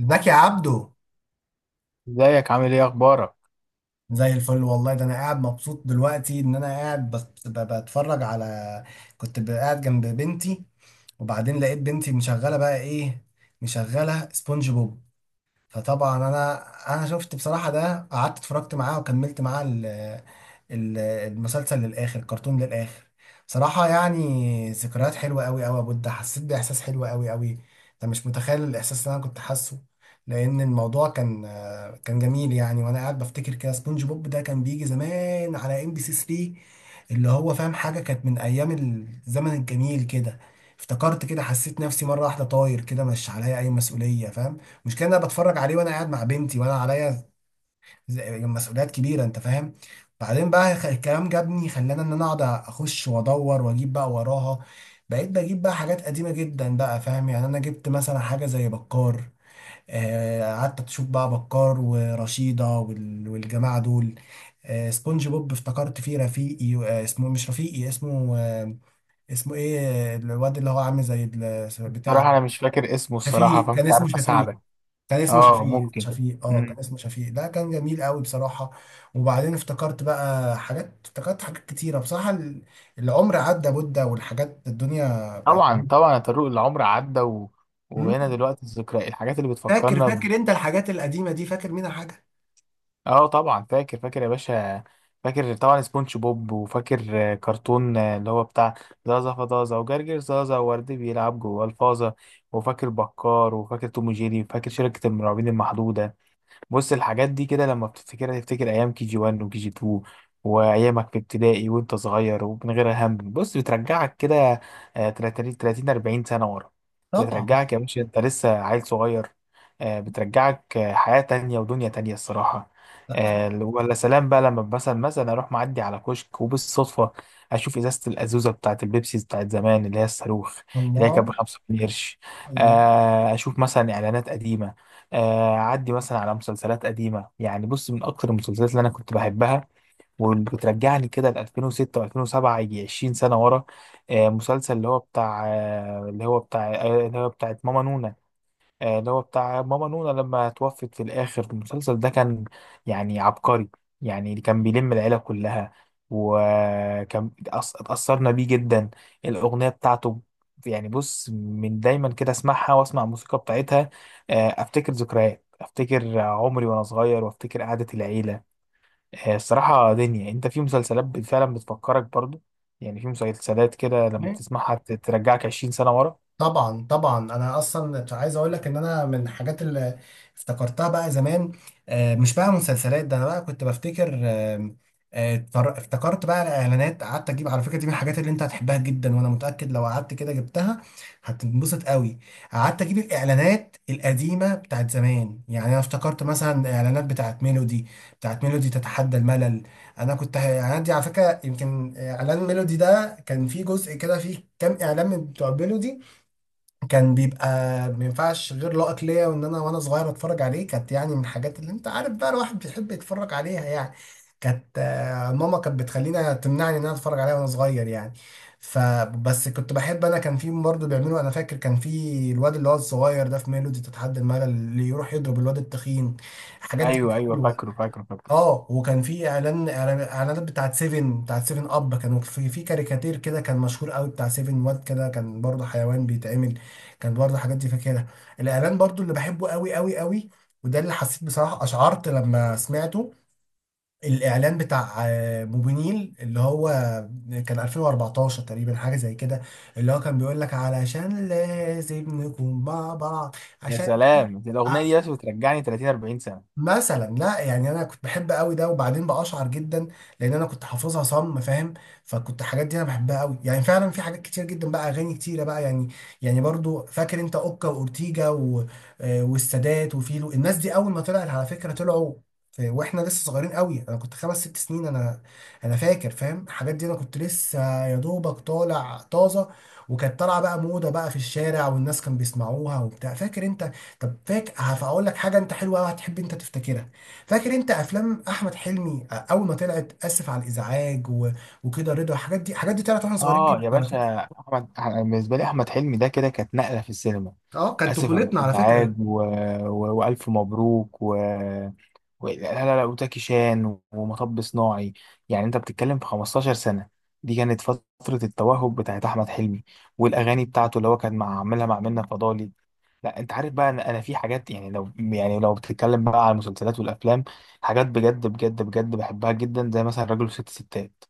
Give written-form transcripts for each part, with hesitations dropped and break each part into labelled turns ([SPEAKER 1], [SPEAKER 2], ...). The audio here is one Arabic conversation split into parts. [SPEAKER 1] ازيك يا عبدو؟
[SPEAKER 2] ازيك، عامل ايه، اخبارك؟
[SPEAKER 1] زي الفل والله. ده انا قاعد مبسوط دلوقتي ان انا قاعد بتفرج على. كنت قاعد جنب بنتي، وبعدين لقيت بنتي مشغله بقى ايه، مشغله سبونج بوب. فطبعا انا شفت بصراحه ده، قعدت اتفرجت معاه وكملت معاه المسلسل للاخر، الكرتون للاخر. بصراحه يعني ذكريات حلوه قوي قوي يا بود، حسيت باحساس حلو قوي قوي. انت مش متخيل الاحساس اللي انا كنت حاسه. لان الموضوع كان جميل يعني، وانا قاعد بفتكر كده سبونج بوب ده كان بيجي زمان على MBC 3، اللي هو فاهم، حاجه كانت من ايام الزمن الجميل كده. افتكرت كده، حسيت نفسي مره واحده طاير كده، مش عليا اي مسؤوليه، فاهم. المشكله إن انا بتفرج عليه وانا قاعد مع بنتي وانا عليا مسؤوليات كبيره، انت فاهم. بعدين بقى الكلام جابني، خلاني ان انا اقعد اخش وادور واجيب بقى وراها. بقيت بجيب بقى حاجات قديمه جدا بقى، فاهم يعني، انا جبت مثلا حاجه زي بكار. قعدت اشوف بقى بكار ورشيده والجماعه دول. سبونج بوب افتكرت فيه رفيقي، اسمه مش رفيقي، اسمه اسمه ايه، الواد اللي هو عامل زي بتاع
[SPEAKER 2] صراحة،
[SPEAKER 1] ده.
[SPEAKER 2] انا مش فاكر اسمه الصراحة،
[SPEAKER 1] شفيق،
[SPEAKER 2] فمش
[SPEAKER 1] كان اسمه
[SPEAKER 2] عارف
[SPEAKER 1] شفيق،
[SPEAKER 2] اساعدك.
[SPEAKER 1] كان اسمه
[SPEAKER 2] اه،
[SPEAKER 1] شفيق،
[SPEAKER 2] ممكن.
[SPEAKER 1] شفيق، اه،
[SPEAKER 2] مم.
[SPEAKER 1] كان اسمه شفيق، ده كان جميل قوي بصراحة. وبعدين افتكرت حاجات كتيرة بصراحة، العمر عدى مدة، والحاجات الدنيا بقت.
[SPEAKER 2] طبعا طبعا يا طارق، العمر عدى و.
[SPEAKER 1] مم.
[SPEAKER 2] وبقينا دلوقتي الذكرى، الحاجات اللي
[SPEAKER 1] فاكر،
[SPEAKER 2] بتفكرنا ب.
[SPEAKER 1] فاكر انت الحاجات القديمة دي، فاكر منها حاجة؟
[SPEAKER 2] اه، طبعا فاكر فاكر يا باشا. فاكر طبعا سبونج بوب، وفاكر كرتون اللي هو بتاع زازا فطازة، وجرجر زازا، وورد بيلعب جوه الفازة. وفاكر بكار، وفاكر توم وجيري، وفاكر شركة المرعبين المحدودة. بص، الحاجات دي كده لما بتفتكرها تفتكر ايام كي جي 1 وكي جي 2، وايامك في ابتدائي وانت صغير ومن غير هم. بص، بترجعك كده. 30، 30، 40 سنه ورا.
[SPEAKER 1] طبعا.
[SPEAKER 2] بترجعك يا باشا، انت لسه عيل صغير. بترجعك حياه تانية ودنيا تانية الصراحه. ولا سلام بقى لما مثلا اروح معدي على كشك، وبالصدفه اشوف ازازه الازوزه بتاعت البيبسي بتاعت زمان، اللي هي الصاروخ، اللي هي
[SPEAKER 1] الله،
[SPEAKER 2] كانت ب 5 قرش.
[SPEAKER 1] الله.
[SPEAKER 2] اشوف مثلا اعلانات قديمه. عدي مثلا على مسلسلات قديمة. يعني بص، من أكتر المسلسلات اللي أنا كنت بحبها واللي بترجعني كده ل 2006 و2007، يجي 20 سنة ورا. مسلسل اللي هو بتاعت ماما نونا. اللي هو بتاع ماما نونا، لما توفت في الآخر، المسلسل ده كان يعني عبقري. يعني اللي كان بيلم العيلة كلها، وكان اتأثرنا بيه جدا. الأغنية بتاعته، يعني بص، من دايما كده اسمعها واسمع الموسيقى بتاعتها. افتكر ذكريات، افتكر عمري وانا صغير، وافتكر قعدة العيلة. الصراحة دنيا. انت في مسلسلات فعلا بتفكرك برضو. يعني في مسلسلات كده، لما تسمعها ترجعك 20 سنة ورا.
[SPEAKER 1] طبعا طبعا، انا اصلا عايز اقول لك ان انا من الحاجات اللي افتكرتها بقى زمان، مش بقى مسلسلات، ده انا بقى كنت بفتكر، افتكرت بقى الاعلانات. قعدت اجيب، على فكره دي من الحاجات اللي انت هتحبها جدا، وانا متاكد لو قعدت كده جبتها هتنبسط قوي. قعدت اجيب الاعلانات القديمه بتاعت زمان، يعني انا افتكرت مثلا اعلانات بتاعت ميلودي، بتاعت ميلودي تتحدى الملل. انا كنت الاعلانات دي على فكره، يمكن اعلان ميلودي ده كان فيه جزء كده، فيه كام اعلان من بتوع ميلودي، كان بيبقى ما ينفعش غير لقط ليا، وان انا وانا صغير اتفرج عليه، كانت يعني من الحاجات اللي انت عارف بقى الواحد بيحب يتفرج عليها يعني. كانت ماما كانت بتخلينا، تمنعني ان انا اتفرج عليها وانا صغير يعني. فبس كنت بحب، انا كان في برضه بيعملوا، انا فاكر كان في الواد اللي هو الصغير ده في ميلودي تتحدى الملل، اللي يروح يضرب الواد التخين. الحاجات دي كانت
[SPEAKER 2] ايوه، ايوه،
[SPEAKER 1] حلوه.
[SPEAKER 2] فاكره فاكره فاكره.
[SPEAKER 1] اه، وكان في اعلان اعلانات بتاعت سيفن اب، كانوا في كاريكاتير كده كان مشهور قوي بتاع سيفن، واد كده كان برضه حيوان بيتعمل، كان برضه حاجات دي فاكرها. الاعلان برضه اللي بحبه قوي قوي قوي، وده اللي حسيت بصراحة، اشعرت لما سمعته، الاعلان بتاع موبينيل، اللي هو كان 2014 تقريبا، حاجة زي كده، اللي هو كان بيقول لك علشان لازم نكون مع بعض،
[SPEAKER 2] يا
[SPEAKER 1] عشان
[SPEAKER 2] سلام، دي الاغنيه دي بس بترجعني 30، 40 سنه.
[SPEAKER 1] مثلا، لا يعني انا كنت بحب قوي ده، وبعدين بقشعر جدا لان انا كنت حافظها صم، فاهم. فكنت الحاجات دي انا بحبها قوي يعني، فعلا في حاجات كتير جدا بقى، اغاني كتيره بقى يعني. يعني برضو فاكر انت اوكا واورتيجا و، والسادات وفيلو، الناس دي اول ما طلعت على فكره، طلعوا واحنا لسه صغيرين قوي، انا كنت خمس ست سنين انا. انا فاكر، فاهم الحاجات دي، انا كنت لسه يا دوبك طالع طازه، وكانت طالعه بقى موضه بقى في الشارع، والناس كانوا بيسمعوها وبتاع، فاكر انت؟ طب فاكر، هقول لك حاجه انت حلوه قوي هتحب انت تفتكرها. فاكر انت افلام احمد حلمي اول ما طلعت، اسف على الازعاج و، وكده، رضا، الحاجات دي، الحاجات دي طلعت واحنا صغيرين
[SPEAKER 2] اه
[SPEAKER 1] جدا
[SPEAKER 2] يا
[SPEAKER 1] على
[SPEAKER 2] باشا،
[SPEAKER 1] فكره.
[SPEAKER 2] احمد، أنا بالنسبه لي احمد حلمي ده كده كانت نقله في السينما.
[SPEAKER 1] اه كانت
[SPEAKER 2] اسف على
[SPEAKER 1] طفولتنا على
[SPEAKER 2] الازعاج
[SPEAKER 1] فكره.
[SPEAKER 2] و، و، والف مبروك و، لا، لا، لا، وزكي شان ومطب صناعي. يعني انت بتتكلم في 15 سنة. دي كانت فترة التوهج بتاعت أحمد حلمي، والأغاني بتاعته اللي هو كان مع عاملها مع منة فضالي. لا، انت عارف بقى، انا في حاجات. يعني لو بتتكلم بقى على المسلسلات والأفلام، حاجات بجد بجد بجد بحبها جدا، زي مثلا راجل وست ستات،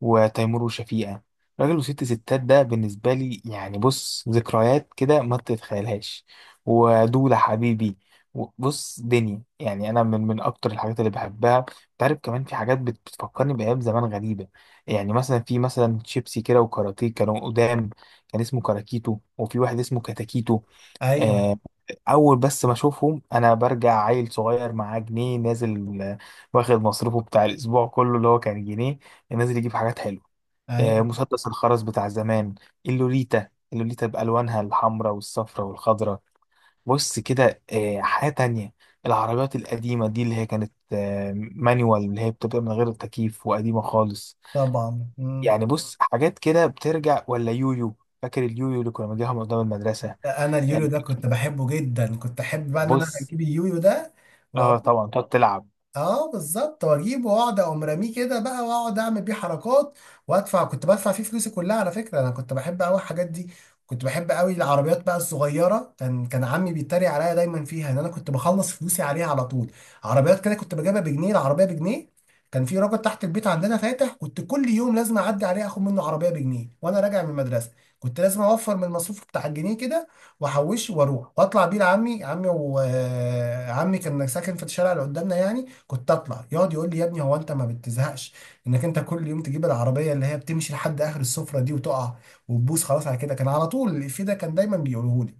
[SPEAKER 2] وتيمور وشفيقة. راجل وست ستات ده بالنسبة لي يعني بص، ذكريات كده ما تتخيلهاش. ودولة حبيبي. بص، دنيا يعني. انا من اكتر الحاجات اللي بحبها. انت عارف، كمان في حاجات بتفكرني بايام زمان غريبه. يعني مثلا، في مثلا شيبسي كده وكاراتيه كانوا قدام. كان اسمه كاراكيتو، وفي واحد اسمه كاتاكيتو.
[SPEAKER 1] ايوه،
[SPEAKER 2] آه، اول بس ما اشوفهم انا برجع عيل صغير معاه جنيه نازل، واخد مصروفه بتاع الاسبوع كله اللي هو كان جنيه، نازل يجيب حاجات حلوه.
[SPEAKER 1] ايوه.
[SPEAKER 2] مسدس الخرز بتاع زمان، اللوليتا، اللوليتا بألوانها الحمراء والصفراء والخضراء. بص كده. حاجة تانية، العربيات القديمة دي، اللي هي كانت مانيوال، اللي هي بتبقى من غير التكييف وقديمة خالص.
[SPEAKER 1] طبعا. مم.
[SPEAKER 2] يعني بص، حاجات كده بترجع. ولا يويو، فاكر اليويو اللي كنا بنجيبها من قدام المدرسة؟
[SPEAKER 1] انا
[SPEAKER 2] آه،
[SPEAKER 1] اليوليو ده كنت بحبه جدا، كنت احب بقى ان انا
[SPEAKER 2] بص،
[SPEAKER 1] اجيب اليويو ده.
[SPEAKER 2] اه طبعا، تقعد تلعب.
[SPEAKER 1] اه بالظبط، واجيبه واقعد اقوم راميه كده بقى، واقعد اعمل بيه حركات، وادفع، كنت بدفع فيه فلوسي كلها على فكره، انا كنت بحب قوي الحاجات دي. كنت بحب قوي العربيات بقى الصغيره، كان عمي بيتريق عليا دايما فيها ان انا كنت بخلص فلوسي عليها على طول. عربيات كده كنت بجيبها بجنيه، العربيه بجنيه. كان في راجل تحت البيت عندنا فاتح، كنت كل يوم لازم اعدي عليه اخد منه عربيه بجنيه وانا راجع من المدرسه. كنت لازم اوفر من المصروف بتاع الجنيه كده، واحوشه واروح واطلع بيه لعمي، عمي وعمي كان ساكن في الشارع اللي قدامنا يعني. كنت اطلع يقعد يقول لي: يا ابني هو انت ما بتزهقش انك انت كل يوم تجيب العربيه اللي هي بتمشي لحد اخر السفره دي وتقع وتبوس، خلاص على كده. كان على طول الإفيه ده كان دايما بيقوله لي.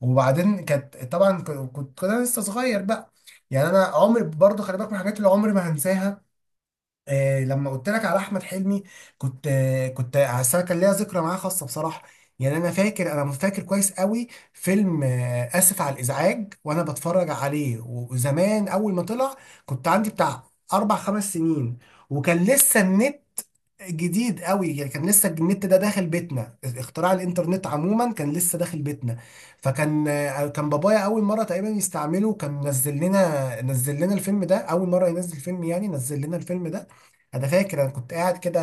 [SPEAKER 1] وبعدين كانت طبعا كنت انا لسه صغير بقى. يعني انا عمري برضه، خلي بالك من الحاجات اللي عمري ما هنساها، آه لما قلت لك على احمد حلمي، كنت آه، كنت أصل أنا كان ليا ذكرى معاه خاصه بصراحه. يعني انا فاكر، انا فاكر كويس قوي فيلم آه اسف على الازعاج وانا بتفرج عليه، وزمان اول ما طلع كنت عندي بتاع اربع خمس سنين. وكان لسه النت جديد قوي يعني، كان لسه النت ده داخل بيتنا، اختراع الانترنت عموما كان لسه داخل بيتنا. فكان كان بابايا اول مره تقريبا يستعمله، كان نزل لنا الفيلم ده، اول مره ينزل فيلم يعني، نزل لنا الفيلم ده. انا فاكر انا كنت قاعد كده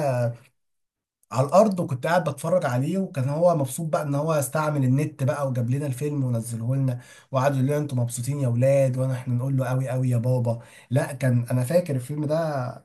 [SPEAKER 1] على الارض، وكنت قاعد بتفرج عليه، وكان هو مبسوط بقى ان هو استعمل النت بقى وجاب لنا الفيلم ونزله لنا، وقعد يقول لنا: انتوا مبسوطين يا ولاد، وانا احنا نقول له: قوي قوي يا بابا. لا كان انا فاكر الفيلم ده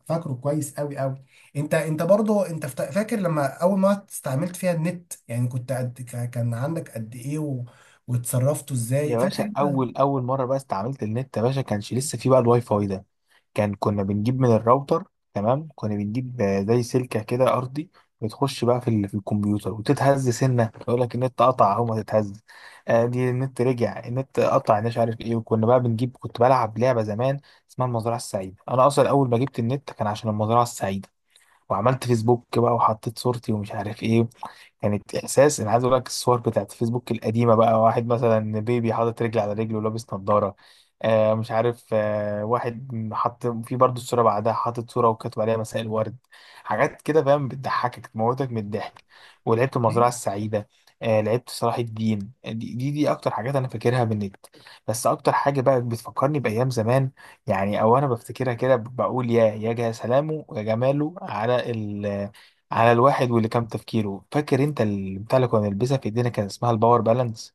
[SPEAKER 1] فاكره كويس قوي قوي. انت برضه انت، فاكر لما اول ما استعملت فيها النت يعني، كنت قد كان عندك قد ايه و، واتصرفتوا ازاي،
[SPEAKER 2] يا
[SPEAKER 1] فاكر
[SPEAKER 2] باشا،
[SPEAKER 1] انت؟
[SPEAKER 2] اول اول مره بقى استعملت النت يا باشا، كانش لسه فيه بقى الواي فاي ده. كنا بنجيب من الراوتر. تمام. كنا بنجيب زي سلكه كده ارضي، بتخش بقى في في الكمبيوتر، وتتهز سنه يقول لك النت قطع، اهو ما تتهز. دي النت رجع، النت قطع، مش عارف ايه. وكنا بقى بنجيب. كنت بلعب لعبه زمان اسمها المزرعه السعيده. انا اصلا اول ما جبت النت كان عشان المزرعه السعيده. وعملت فيسبوك بقى، وحطيت صورتي ومش عارف ايه. كانت احساس. انا عايز اقول لك، الصور بتاعت فيسبوك القديمه بقى، واحد مثلا بيبي حاطط رجل على رجل ولابس نظاره، مش عارف. واحد حط في برضه الصوره بعدها حاطط صوره وكاتب عليها مساء الورد. حاجات كده فاهم، بتضحكك تموتك من الضحك. ولعبت المزرعه
[SPEAKER 1] أيوه.
[SPEAKER 2] السعيده. لعبت صلاح الدين. دي اكتر حاجات انا فاكرها من النت. بس اكتر حاجه بقى بتفكرني بايام زمان، يعني او انا بفتكرها كده، بقول: يا جا سلامه، يا جماله على على الواحد. واللي كام تفكيره، فاكر انت البتاع اللي كنا بنلبسها في ايدينا؟ كان اسمها الباور بالانس.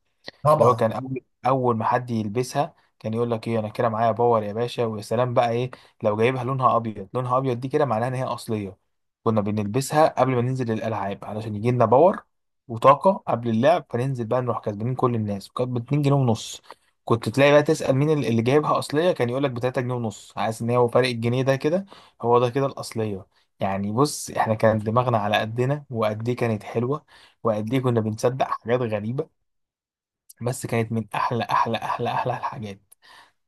[SPEAKER 2] اللي هو كان
[SPEAKER 1] طبعا
[SPEAKER 2] اول اول ما حد يلبسها، كان يقول لك: ايه، انا كده معايا باور يا باشا! ويا سلام بقى ايه، لو جايبها لونها ابيض. لونها ابيض دي كده معناها ان هي اصليه. كنا بنلبسها قبل ما ننزل الالعاب، علشان يجي لنا باور وطاقه قبل اللعب، فننزل بقى نروح كسبانين كل الناس. وكانت ب 2 جنيه ونص. كنت تلاقي بقى تسال مين اللي جايبها اصليه، كان يقول لك ب 3 جنيه ونص، عايز ان هو فرق الجنيه ده كده هو ده كده الاصليه. يعني بص، احنا كان دماغنا على قدنا. وقد ايه كانت حلوه، وقد ايه كنا بنصدق حاجات غريبه! بس كانت من احلى احلى احلى احلى الحاجات.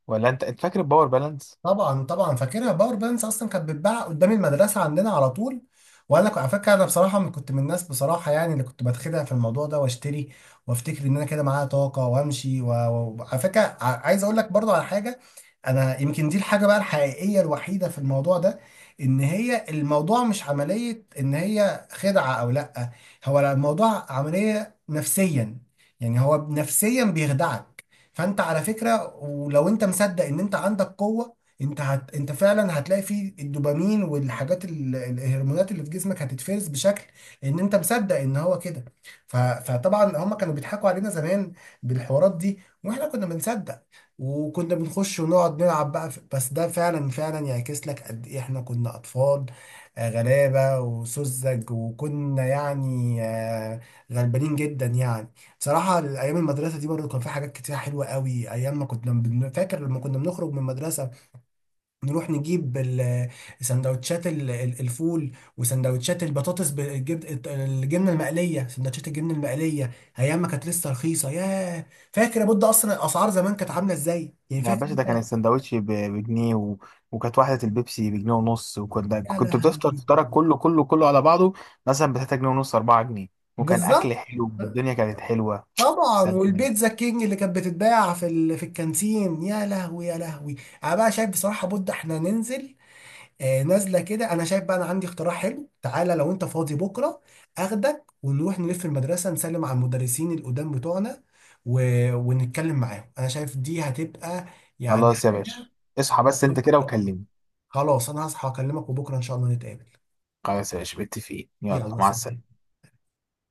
[SPEAKER 2] ولا انت فاكر الباور بالانس؟
[SPEAKER 1] طبعا، طبعا فاكرها، باور بانكس اصلا كانت بتتباع قدام المدرسه عندنا على طول. وانا على فكره انا بصراحه، كنت من الناس بصراحه يعني اللي كنت بتخدع في الموضوع ده، واشتري وافتكر ان انا كده معايا طاقه وامشي، وعلى فكره عايز اقول لك برضو على حاجه. انا يمكن دي الحاجه بقى الحقيقيه الوحيده في الموضوع ده، ان هي الموضوع مش عمليه ان هي خدعه او لا، هو الموضوع عمليه نفسيا. يعني هو نفسيا بيخدعك، فانت على فكره ولو انت مصدق ان انت عندك قوه، انت فعلا هتلاقي فيه الدوبامين الهرمونات اللي في جسمك هتتفرز بشكل ان انت مصدق ان هو كده. فطبعا هم كانوا بيضحكوا علينا زمان بالحوارات دي واحنا كنا بنصدق. وكنا بنخش ونقعد نلعب بقى بس ده فعلا فعلا يعكس لك قد ايه احنا كنا اطفال، غلابة وسذج، وكنا يعني غلبانين جدا يعني. بصراحة ايام المدرسة دي برضه كان في حاجات كتير حلوة قوي ايام ما كنا فاكر لما كنا بنخرج من المدرسة نروح نجيب سندوتشات الفول، وسندوتشات البطاطس بالجبن، الجبنه المقليه، سندوتشات الجبنه المقليه، ايام ما كانت لسه رخيصه، ياه. فاكر يا بود اصلا الاسعار زمان كانت عامله ازاي يعني،
[SPEAKER 2] يا
[SPEAKER 1] فاكر
[SPEAKER 2] باشا، ده كان
[SPEAKER 1] انت؟
[SPEAKER 2] السندوتش بجنيه و، وكانت واحدة البيبسي بجنيه ونص. وكنت
[SPEAKER 1] يا
[SPEAKER 2] كنت بتفطر
[SPEAKER 1] لهوي.
[SPEAKER 2] فطارك كله كله كله على بعضه، مثلا ب 3 جنيه ونص، 4 جنيه. وكان أكل
[SPEAKER 1] بالظبط
[SPEAKER 2] حلو، والدنيا كانت حلوة.
[SPEAKER 1] طبعا،
[SPEAKER 2] سلام.
[SPEAKER 1] والبيتزا كينج اللي كانت بتتباع في الكانتين، يا لهوي يا لهوي. انا بقى شايف بصراحه بود احنا ننزل، نازله كده. انا شايف بقى انا عندي اقتراح حلو، تعالى لو انت فاضي بكره اخدك ونروح نلف المدرسه، نسلم على المدرسين القدام بتوعنا و... ونتكلم معاهم، انا شايف دي هتبقى يعني
[SPEAKER 2] خلاص يا باشا،
[SPEAKER 1] حاجه
[SPEAKER 2] اصحى بس أنت كده
[SPEAKER 1] هتفكرني.
[SPEAKER 2] وكلمني.
[SPEAKER 1] خلاص انا هصحى اكلمك، وبكره ان شاء الله نتقابل.
[SPEAKER 2] خلاص يا باشا، متفقين. يلا
[SPEAKER 1] يلا
[SPEAKER 2] مع
[SPEAKER 1] سلام.
[SPEAKER 2] السلامة.